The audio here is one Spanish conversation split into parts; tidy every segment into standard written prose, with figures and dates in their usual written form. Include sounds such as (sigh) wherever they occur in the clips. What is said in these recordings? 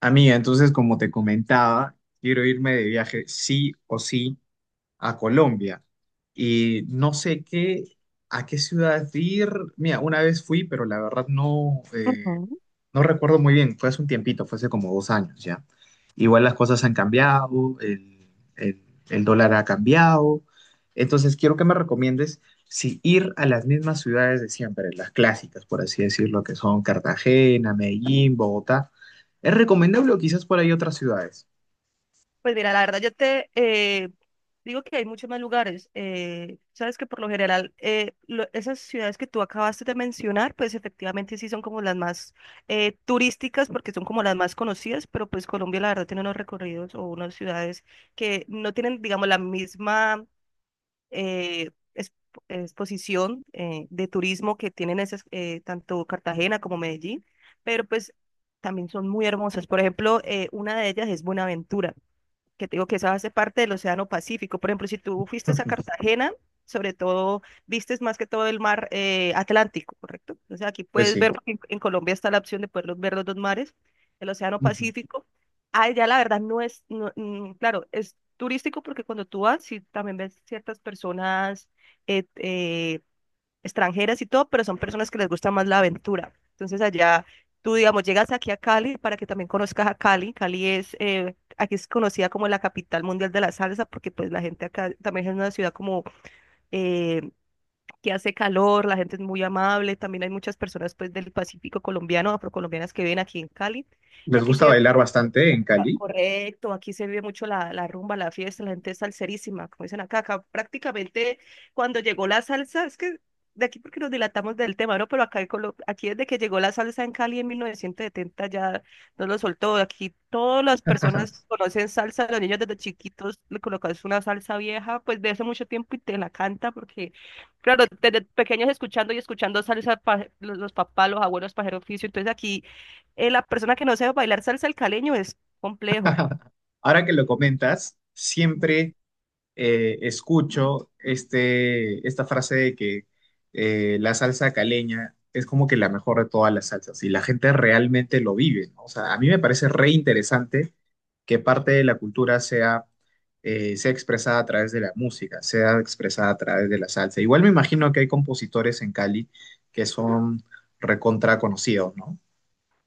Amiga, entonces, como te comentaba, quiero irme de viaje sí o sí a Colombia. Y no sé qué, a qué ciudad ir. Mira, una vez fui, pero la verdad no, Ujú. no recuerdo muy bien, fue hace un tiempito, fue hace como dos años ya. Igual las cosas han cambiado, el- el dólar ha cambiado. Entonces, quiero que me recomiendes si ir a las mismas ciudades de siempre, las clásicas, por así decirlo, que son Cartagena, Medellín, Bogotá. ¿Es recomendable o quizás por ahí otras ciudades? Pues mira, la verdad yo te digo que hay muchos más lugares. Sabes que por lo general esas ciudades que tú acabaste de mencionar, pues efectivamente sí son como las más turísticas porque son como las más conocidas, pero pues Colombia la verdad tiene unos recorridos o unas ciudades que no tienen, digamos, la misma eh, es- exposición de turismo que tienen esas, tanto Cartagena como Medellín, pero pues también son muy hermosas. Por ejemplo, una de ellas es Buenaventura, que te digo que esa hace parte del Océano Pacífico. Por ejemplo, si tú fuiste a (laughs) Cartagena, sobre todo, vistes más que todo el mar Atlántico, ¿correcto? Entonces aquí Pues puedes sí. ver, porque en Colombia está la opción de poder ver los dos mares, el Océano Ujú. Pacífico. Ah, ya la verdad no es, mm, claro, es turístico porque cuando tú vas, sí, también ves ciertas personas eh, eh, extranjeras y todo, pero son personas que les gusta más la aventura. Entonces allá tú, digamos, llegas aquí a Cali para que también conozcas a Cali. Cali es, aquí es conocida como la capital mundial de la salsa porque pues la gente acá también es una ciudad como eh, que hace calor, la gente es muy amable, también hay muchas personas pues del Pacífico colombiano, afrocolombianas que viven aquí en Cali. Y Les aquí se gusta ve bailar mucho. bastante en Ah, Cali. correcto, aquí se vive mucho la rumba, la fiesta, la gente es salserísima, como dicen acá. Acá prácticamente cuando llegó la salsa, es que de aquí porque nos dilatamos del tema, ¿no? Pero acá en aquí desde que llegó la salsa en Cali en 1970 ya no lo soltó, aquí todas las personas conocen salsa, los niños desde chiquitos le colocas una salsa vieja, pues de hace mucho tiempo y te la canta porque, claro, desde pequeños escuchando y escuchando salsa, los papás, los abuelos, pajeros oficio, entonces aquí la persona que no sabe bailar salsa al caleño es complejo. Ahora que lo comentas, siempre escucho esta frase de que la salsa caleña es como que la mejor de todas las salsas y la gente realmente lo vive, ¿no? O sea, a mí me parece re interesante que parte de la cultura sea, sea expresada a través de la música, sea expresada a través de la salsa. Igual me imagino que hay compositores en Cali que son recontra conocidos, ¿no?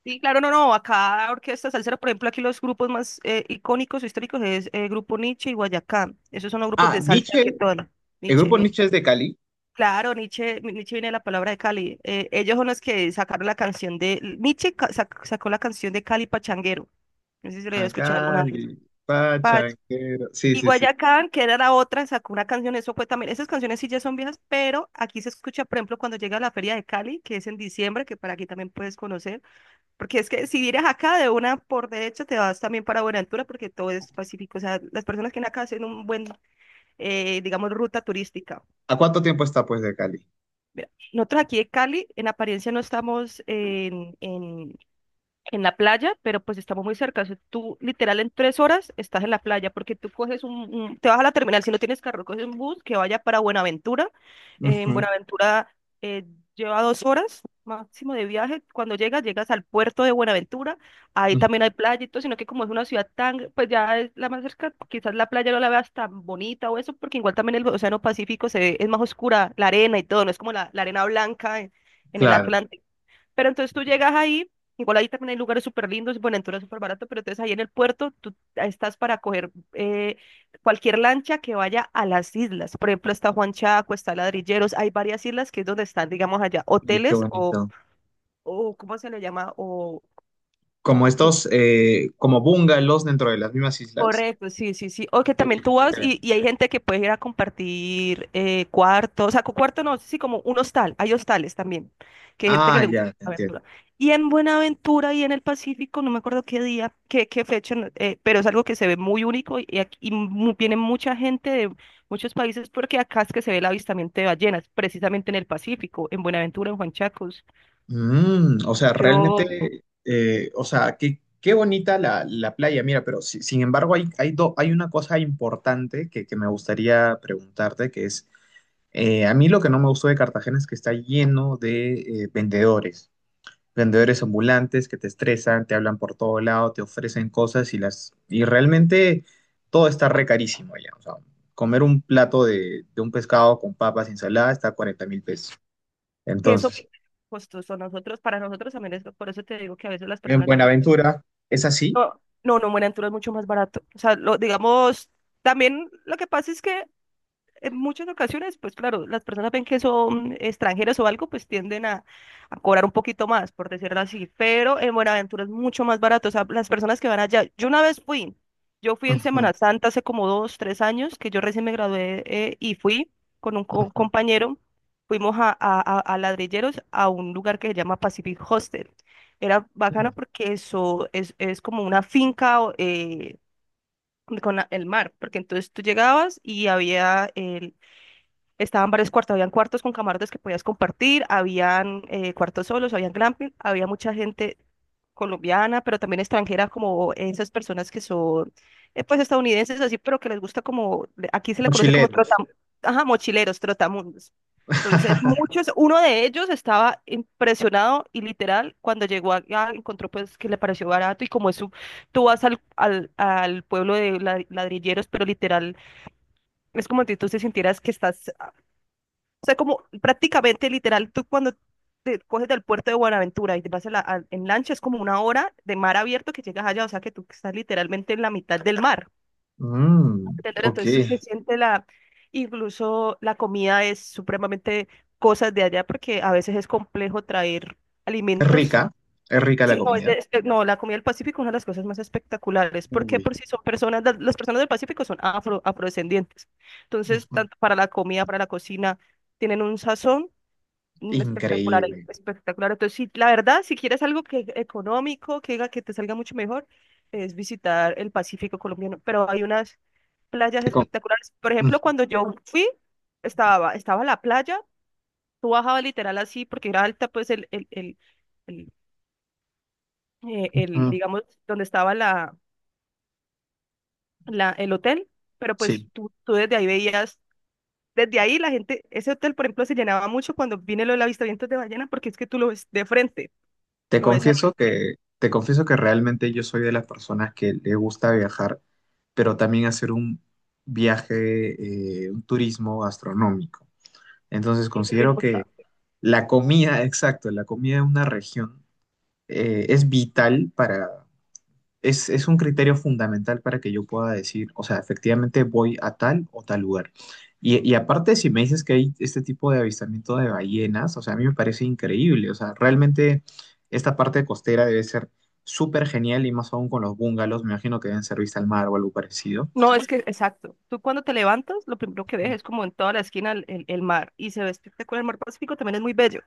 Sí, claro, no, no, acá orquesta salsera, por ejemplo, aquí los grupos más icónicos o históricos es Grupo Nietzsche y Guayacán. Esos son los grupos Ah, de salsa Nietzsche, que tocan. el Nietzsche, grupo Nietzsche. Nietzsche es de Cali. Claro, Nietzsche, Nietzsche viene de la palabra de Cali. Ellos son los que sacaron la canción de. Nietzsche sacó la canción de Cali Pachanguero. No sé si lo había A escuchado alguna vez. Cali, pachanguero. Sí, Y sí, sí. Guayacán, que era la otra, sacó una canción, eso fue también, esas canciones sí ya son viejas, pero aquí se escucha, por ejemplo, cuando llega a la Feria de Cali, que es en diciembre, que para aquí también puedes conocer, porque es que si vienes acá de una por derecha, te vas también para Buenaventura, porque todo es pacífico, o sea, las personas que vienen acá hacen un buen, digamos, ruta turística. ¿A cuánto tiempo está pues de Cali? Mira, nosotros aquí de Cali, en apariencia no estamos en la playa, pero pues estamos muy cerca. O sea, tú literal en 3 horas estás en la playa porque tú coges te vas a la terminal, si no tienes carro, coges un bus que vaya para Buenaventura. En Ujú. Buenaventura eh, lleva 2 horas máximo de viaje. Cuando llegas, llegas al puerto de Buenaventura. Ahí Mm, también hay playa y todo, sino que como es una ciudad tan, pues ya es la más cerca, quizás la playa no la veas tan bonita o eso, porque igual también el Océano Pacífico es más oscura, la arena y todo, no es como la arena blanca en el claro, Atlántico. Pero entonces tú llegas ahí, igual ahí también hay lugares súper lindos, y Buenaventura es súper barato, pero entonces ahí en el puerto tú estás para coger cualquier lancha que vaya a las islas. Por ejemplo, está Juan Chaco, está Ladrilleros, hay varias islas que es donde están, digamos, allá y qué hoteles, o, bonito. o ¿cómo se le llama? O Como estos, como bungalows dentro de las mismas islas. correcto, sí, sí, sí. O que Oye, también qué tú vas chévere. y hay gente que puede ir a compartir cuarto, o sea, cuarto no, sí, como un hostal. Hay hostales también, que hay gente que Ah, le gusta ya, te la entiendo. aventura. Y en Buenaventura y en el Pacífico, no me acuerdo qué día, qué fecha, pero es algo que se ve muy único y aquí y viene mucha gente de muchos países porque acá es que se ve el avistamiento de ballenas, precisamente en el Pacífico, en Buenaventura, en Juan Chacos. Mm, o sea, Yo, realmente, o sea, qué, qué bonita la, la playa. Mira, pero sin embargo hay, hay, hay una cosa importante que me gustaría preguntarte, que es, a mí lo que no me gustó de Cartagena es que está lleno de vendedores. Vendedores ambulantes que te estresan, te hablan por todo lado, te ofrecen cosas y las y realmente todo está re carísimo ya. O sea, comer un plato de un pescado con papas y ensalada está a 40 mil pesos. que eso Entonces, costoso, nosotros, para nosotros también es, por eso te digo que a veces las en personas de Colombia. Buenaventura es así. No, no, no, Buenaventura es mucho más barato. O sea, lo, digamos, también lo que pasa es que en muchas ocasiones, pues claro, las personas ven que son extranjeros o algo, pues tienden a, cobrar un poquito más, por decirlo así, pero en Buenaventura es mucho más barato, o sea, las personas que van allá, yo una vez fui, yo fui en Ujú, Semana Santa hace como dos, tres años, que yo recién me gradué y fui con un ujú. compañero, fuimos a Ladrilleros, a un lugar que se llama Pacific Hostel. Era bacano Mm, porque eso es como una finca o, con el mar, porque entonces tú llegabas y había el. Estaban varios cuartos, habían cuartos con camarotes que podías compartir, habían cuartos solos, habían glamping, había mucha gente colombiana, pero también extranjera, como esas personas que son, pues, estadounidenses, así, pero que les gusta como, aquí se le conoce como mochileros. trotam, ajá, mochileros, trotamundos. Entonces, (laughs) muchos, uno de ellos estaba impresionado y literal, cuando llegó acá, encontró pues que le pareció barato y como es su, tú vas al pueblo de Ladrilleros, pero literal, es como si tú te sintieras que estás, o sea, como prácticamente literal, tú cuando te coges del puerto de Buenaventura y te vas a en lancha, es como 1 hora de mar abierto que llegas allá, o sea que tú estás literalmente en la mitad del mar. Mm, ¿Entender? ok. Entonces sí se siente la, incluso la comida es supremamente cosas de allá porque a veces es complejo traer alimentos. rica, es rica la Sí, no, es comida. No, la comida del Pacífico es una de las cosas más espectaculares porque Uy, por si son personas, las personas del Pacífico son afro, afrodescendientes. Entonces, ujú. tanto para la comida, para la cocina, tienen un sazón espectacular, Increíble. espectacular. Entonces, sí, la verdad, si quieres algo que económico, que, haga que te salga mucho mejor, es visitar el Pacífico colombiano. Pero hay unas playas Te com- espectaculares. Por ujú. ejemplo, cuando yo fui, estaba la playa, tú bajabas literal así, porque era alta, pues el, el, el, el, eh, el, Mm, digamos, donde estaba la, el hotel, pero pues sí. tú desde ahí veías, desde ahí la gente, ese hotel, por ejemplo, se llenaba mucho cuando viene lo del avistamiento de ballenas, porque es que tú lo ves de frente, lo ves ahí. Te confieso que realmente yo soy de las personas que le gusta viajar, pero también hacer un viaje, un turismo gastronómico. Entonces Sí, eso es lo considero que importante. la comida, (laughs) exacto, la comida de una región es vital para, es un criterio fundamental para que yo pueda decir, o sea, efectivamente voy a tal o tal lugar. Y aparte, si me dices que hay este tipo de avistamiento de ballenas, o sea, a mí me parece increíble. O sea, realmente esta parte costera debe ser súper genial y más aún con los bungalows, me imagino que deben ser vista al mar o algo parecido. No, (laughs) es que, exacto. Tú cuando te levantas, lo primero que ves es como en toda la esquina el mar. Y se ve espectacular. El mar Pacífico también es muy bello.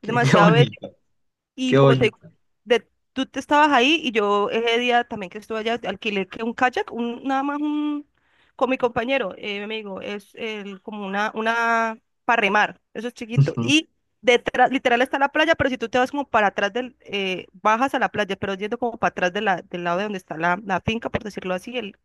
Es Qué, qué demasiado bello. bonito, Y qué como te digo, bonito. de- tú te estabas ahí y yo ese día también que estuve allá, alquilé que un kayak, un, nada más un, con mi compañero, mi amigo, es el, como una, para remar. Eso es chiquito. Y (laughs) detrás, literal está la playa, pero si tú te vas como para atrás del, bajas a la playa, pero yendo como para atrás de la, del lado de donde está la finca, por decirlo así, el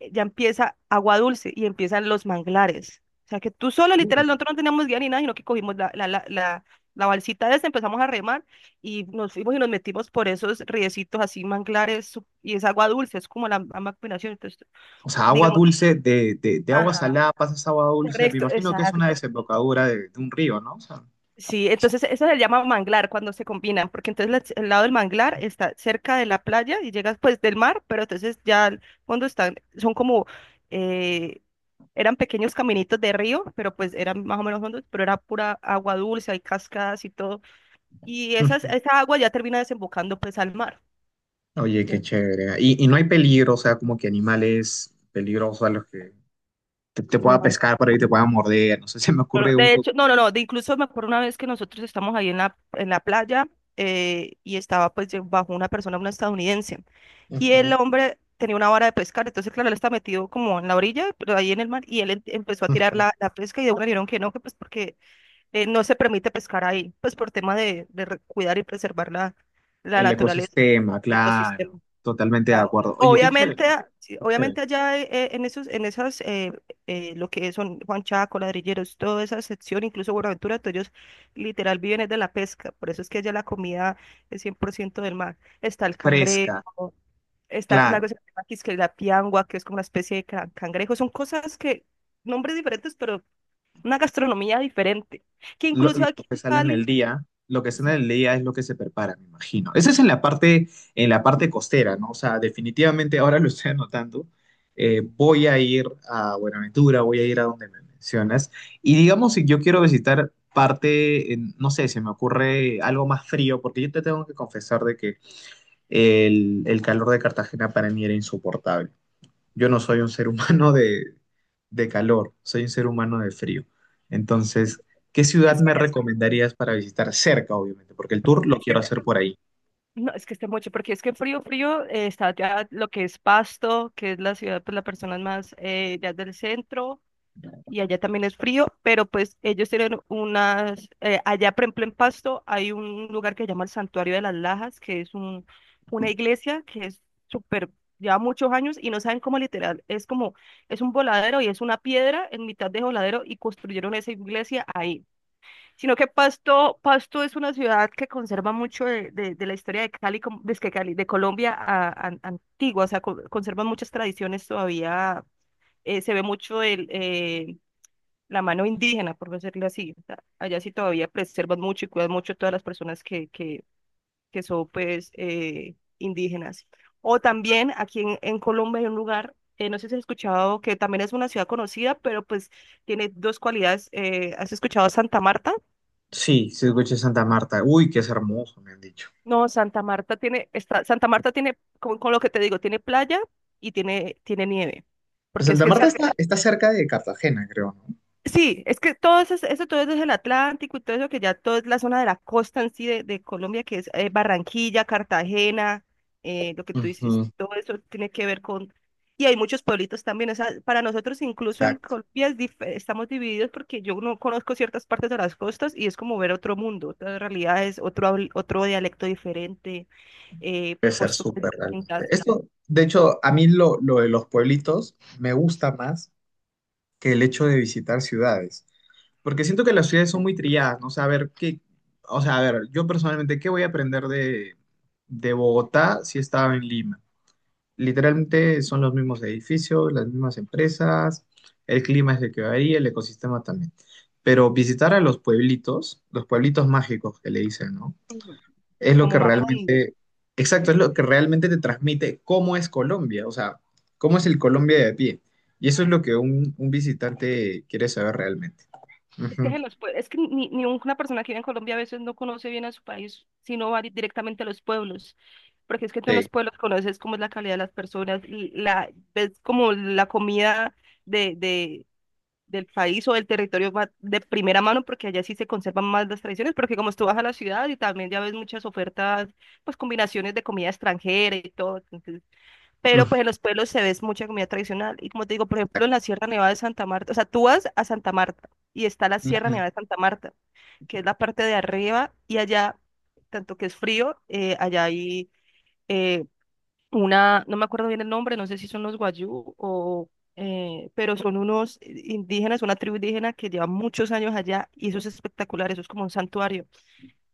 ya empieza agua dulce y empiezan los manglares. O sea que tú solo, Ujú. literal, nosotros no teníamos guía ni nada, sino que cogimos la balsita esa, empezamos a remar y nos fuimos y nos metimos por esos riecitos así, manglares, y es agua dulce, es como la misma combinación. Entonces, O sea, agua digamos, dulce, de agua ajá, salada pasas a agua dulce, me correcto, imagino que es una exacto. desembocadura de un río, ¿no? O sea, Sí, entonces eso se llama manglar cuando se combinan, porque entonces el lado del manglar está cerca de la playa y llegas pues del mar, pero entonces ya cuando están, son como, eh, eran pequeños caminitos de río, pero pues eran más o menos hondos, pero era pura agua dulce, hay cascadas y todo. Y esas, (laughs) esa agua ya termina desembocando pues al mar. oye, qué Entonces, chévere. Y no hay peligro, o sea, como que animales peligrosos a los que te no, pueda pescar por ahí, te pueda morder. No sé, (laughs) se me no, no, ocurre un de poco hecho, no, no, el no, de incluso me acuerdo una vez que nosotros estamos ahí en la playa y estaba pues bajo una persona, una estadounidense. Y ujú. el hombre tenía una vara de pescar, entonces claro, él está metido como en la orilla, pero ahí en el mar, y él empezó a tirar Ujú. la pesca y de una le dijeron que no, que pues porque no se permite pescar ahí, pues por tema de, cuidar y preservar la, la El naturaleza, ecosistema, el ecosistema. claro. Totalmente de Ah, acuerdo. Oye, qué chévere. Obviamente, sí, Qué chévere. obviamente allá en esos, lo que son Juan Chaco, Ladrilleros, toda esa sección, incluso Buenaventura, todos ellos literal viven es de la pesca, por eso es que allá la comida es 100% del mar. Está el Fresca, cangrejo, está una claro. cosa que se llama quisque la piangua, que es como una especie de cangrejo, son cosas que, nombres diferentes, pero una gastronomía diferente, que incluso Lo aquí que en sale en el Cali, día, lo que o sale sea, en el día es lo que se prepara, me imagino. Esa es en la parte costera, ¿no? O sea, definitivamente ahora lo estoy anotando. Voy a ir a Buenaventura, voy a ir a donde me mencionas. Y digamos, si yo quiero visitar parte, en- no sé, se me ocurre algo más frío, porque yo te tengo que confesar de que el calor de Cartagena para mí era insoportable. Yo no soy un ser (laughs) humano de calor, soy un ser humano de frío. Entonces, ¿qué ciudad es me que, recomendarías para visitar cerca, obviamente? Porque el tour lo es que, quiero hacer por ahí. no, es que esté mucho, porque es que frío, frío, está ya lo que es Pasto, que es la ciudad, pues la persona más ya del centro, y allá también es frío, pero pues ellos tienen unas, allá por ejemplo en Pasto hay un lugar que se llama el Santuario de las Lajas, que es un, una iglesia que es súper, lleva muchos años y no saben cómo literal, es como, es un voladero y es una piedra en mitad de voladero y construyeron esa iglesia ahí. Sino que Pasto es una ciudad que conserva mucho de, de la historia de Cali, como- de, que Cali, de Colombia antigua, o sea, conservan muchas tradiciones todavía, se ve mucho el, la mano indígena, por decirlo así, o sea, allá sí todavía preservan mucho y cuidan mucho todas las personas que son pues indígenas. O también aquí en Colombia hay un lugar, no sé si has escuchado, que también es una ciudad conocida, pero pues tiene dos cualidades, ¿has escuchado Santa Marta? Sí, sí, escuché Santa Marta. Uy, qué es hermoso, me han dicho. No, Santa Marta tiene, con lo que te digo, tiene playa y tiene, tiene nieve. Pues Porque es Santa que en Marta está, está cerca de Cartagena, creo, ¿no? sí, es que todo eso, todo eso es el Atlántico y todo eso que ya todo es la zona de la costa en sí de Colombia, que es Barranquilla, Cartagena, lo que tú dices, Ujú. todo eso tiene que ver con... Y hay muchos pueblitos también, o sea, para nosotros incluso en Exacto, Colombia es estamos divididos porque yo no conozco ciertas partes de las costas y es como ver otro mundo, otra realidad es otro, otro dialecto diferente debe ser posturas súper realmente. distintas, Esto, de hecho, a mí lo de los pueblitos me gusta más que el hecho de visitar ciudades. Porque siento que las ciudades son muy trilladas, ¿no? O sea, a ver, ¿qué, o sea, a ver, yo personalmente, ¿qué voy a aprender de Bogotá si estaba en Lima? Literalmente son los mismos edificios, las mismas empresas, el clima es el que varía, el ecosistema también. Pero visitar a los pueblitos mágicos que le dicen, ¿no? ujú, Es lo que como Macondo. realmente, exacto, es lo que realmente te transmite cómo es Colombia, o sea, cómo es el Colombia de a pie. Y eso es lo que un visitante quiere saber realmente. Es que, Ujú, es que ni una persona que vive en Colombia a veces no conoce bien a su país, sino va directamente a los pueblos, porque es que tú en sí. los pueblos conoces cómo es la calidad de las personas, l- la, ves como la comida de, de, del país o del territorio va de primera mano, porque allá sí se conservan más las tradiciones, porque como tú vas a la ciudad y también ya ves muchas ofertas, pues combinaciones de comida extranjera y todo, pero Ujú, pues en los pueblos se ve mucha comida tradicional. Y como te digo, por ejemplo, en la Sierra Nevada de Santa Marta, o sea, tú vas a Santa Marta y está la Sierra ujú, Nevada de Santa Marta, que es la parte de arriba y allá, tanto que es frío, allá hay eh, una, no me acuerdo bien el nombre, no sé si son los Guayú o, pero son unos indígenas, una tribu indígena que lleva muchos años allá y eso es espectacular, eso es como un santuario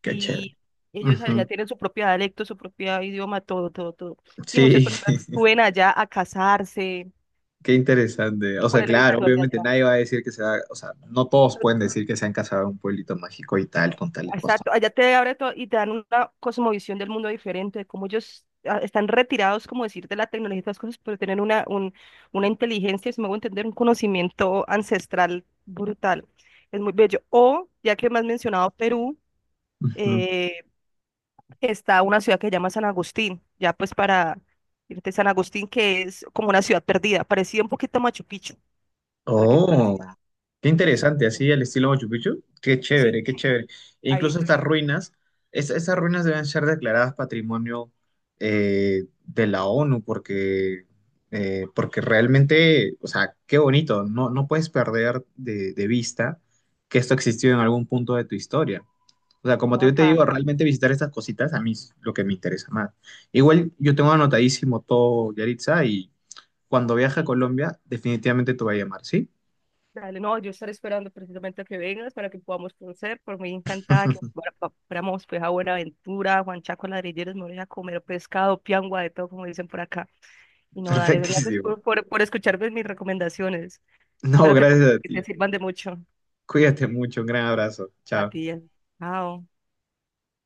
qué chévere. y ellos Ujú, allá tienen su propio dialecto, su propio idioma, todo, todo, todo. Y muchas sí, personas (laughs) suben allá a casarse qué interesante. O por sea, el claro, ritual de obviamente allá. nadie va a decir que sea, o sea, no todos No, pueden decir que se han casado en un pueblito mágico y tal, no, con tales cosas. exacto, allá te abre todo y te dan una cosmovisión del mundo diferente, de cómo ellos ah, están retirados, como decir, de la tecnología y todas las cosas, pero tienen una, un, una inteligencia, si me hago entender, un conocimiento ancestral brutal. Es muy bello. O, ya que me has mencionado Perú, eh, está una ciudad que se llama San Agustín, ya pues para irte a San Agustín, que es como una ciudad perdida, parecía un poquito a Machu Picchu, para que Oh, qué entonces, interesante, bueno, así al estilo Machu Picchu. Qué sí, chévere, qué chévere. E ahí incluso te estas ruinas, estas ruinas deben ser declaradas patrimonio de la ONU porque, porque realmente, o sea, qué bonito. No, no puedes perder de vista que esto existió en algún punto de tu historia. O sea, como no, te, yo te acá, digo, acá. realmente visitar estas cositas a mí es lo que me interesa más. Igual yo tengo anotadísimo todo, Yaritza, y cuando viaje a Colombia, definitivamente te voy a llamar, ¿sí? Dale, no, yo estaré esperando precisamente a que vengas para que podamos conocer, por muy encantada que fuéramos pues a Buenaventura, a Juan Chaco, Ladrilleros, me voy a comer pescado, piangua, de todo, como dicen por acá. Y no, dale, gracias Perfectísimo. Por escucharme mis recomendaciones. No, Espero gracias a que te ti. sirvan de mucho Cuídate mucho. Un gran abrazo. a Chao. ti. Eh. Chao.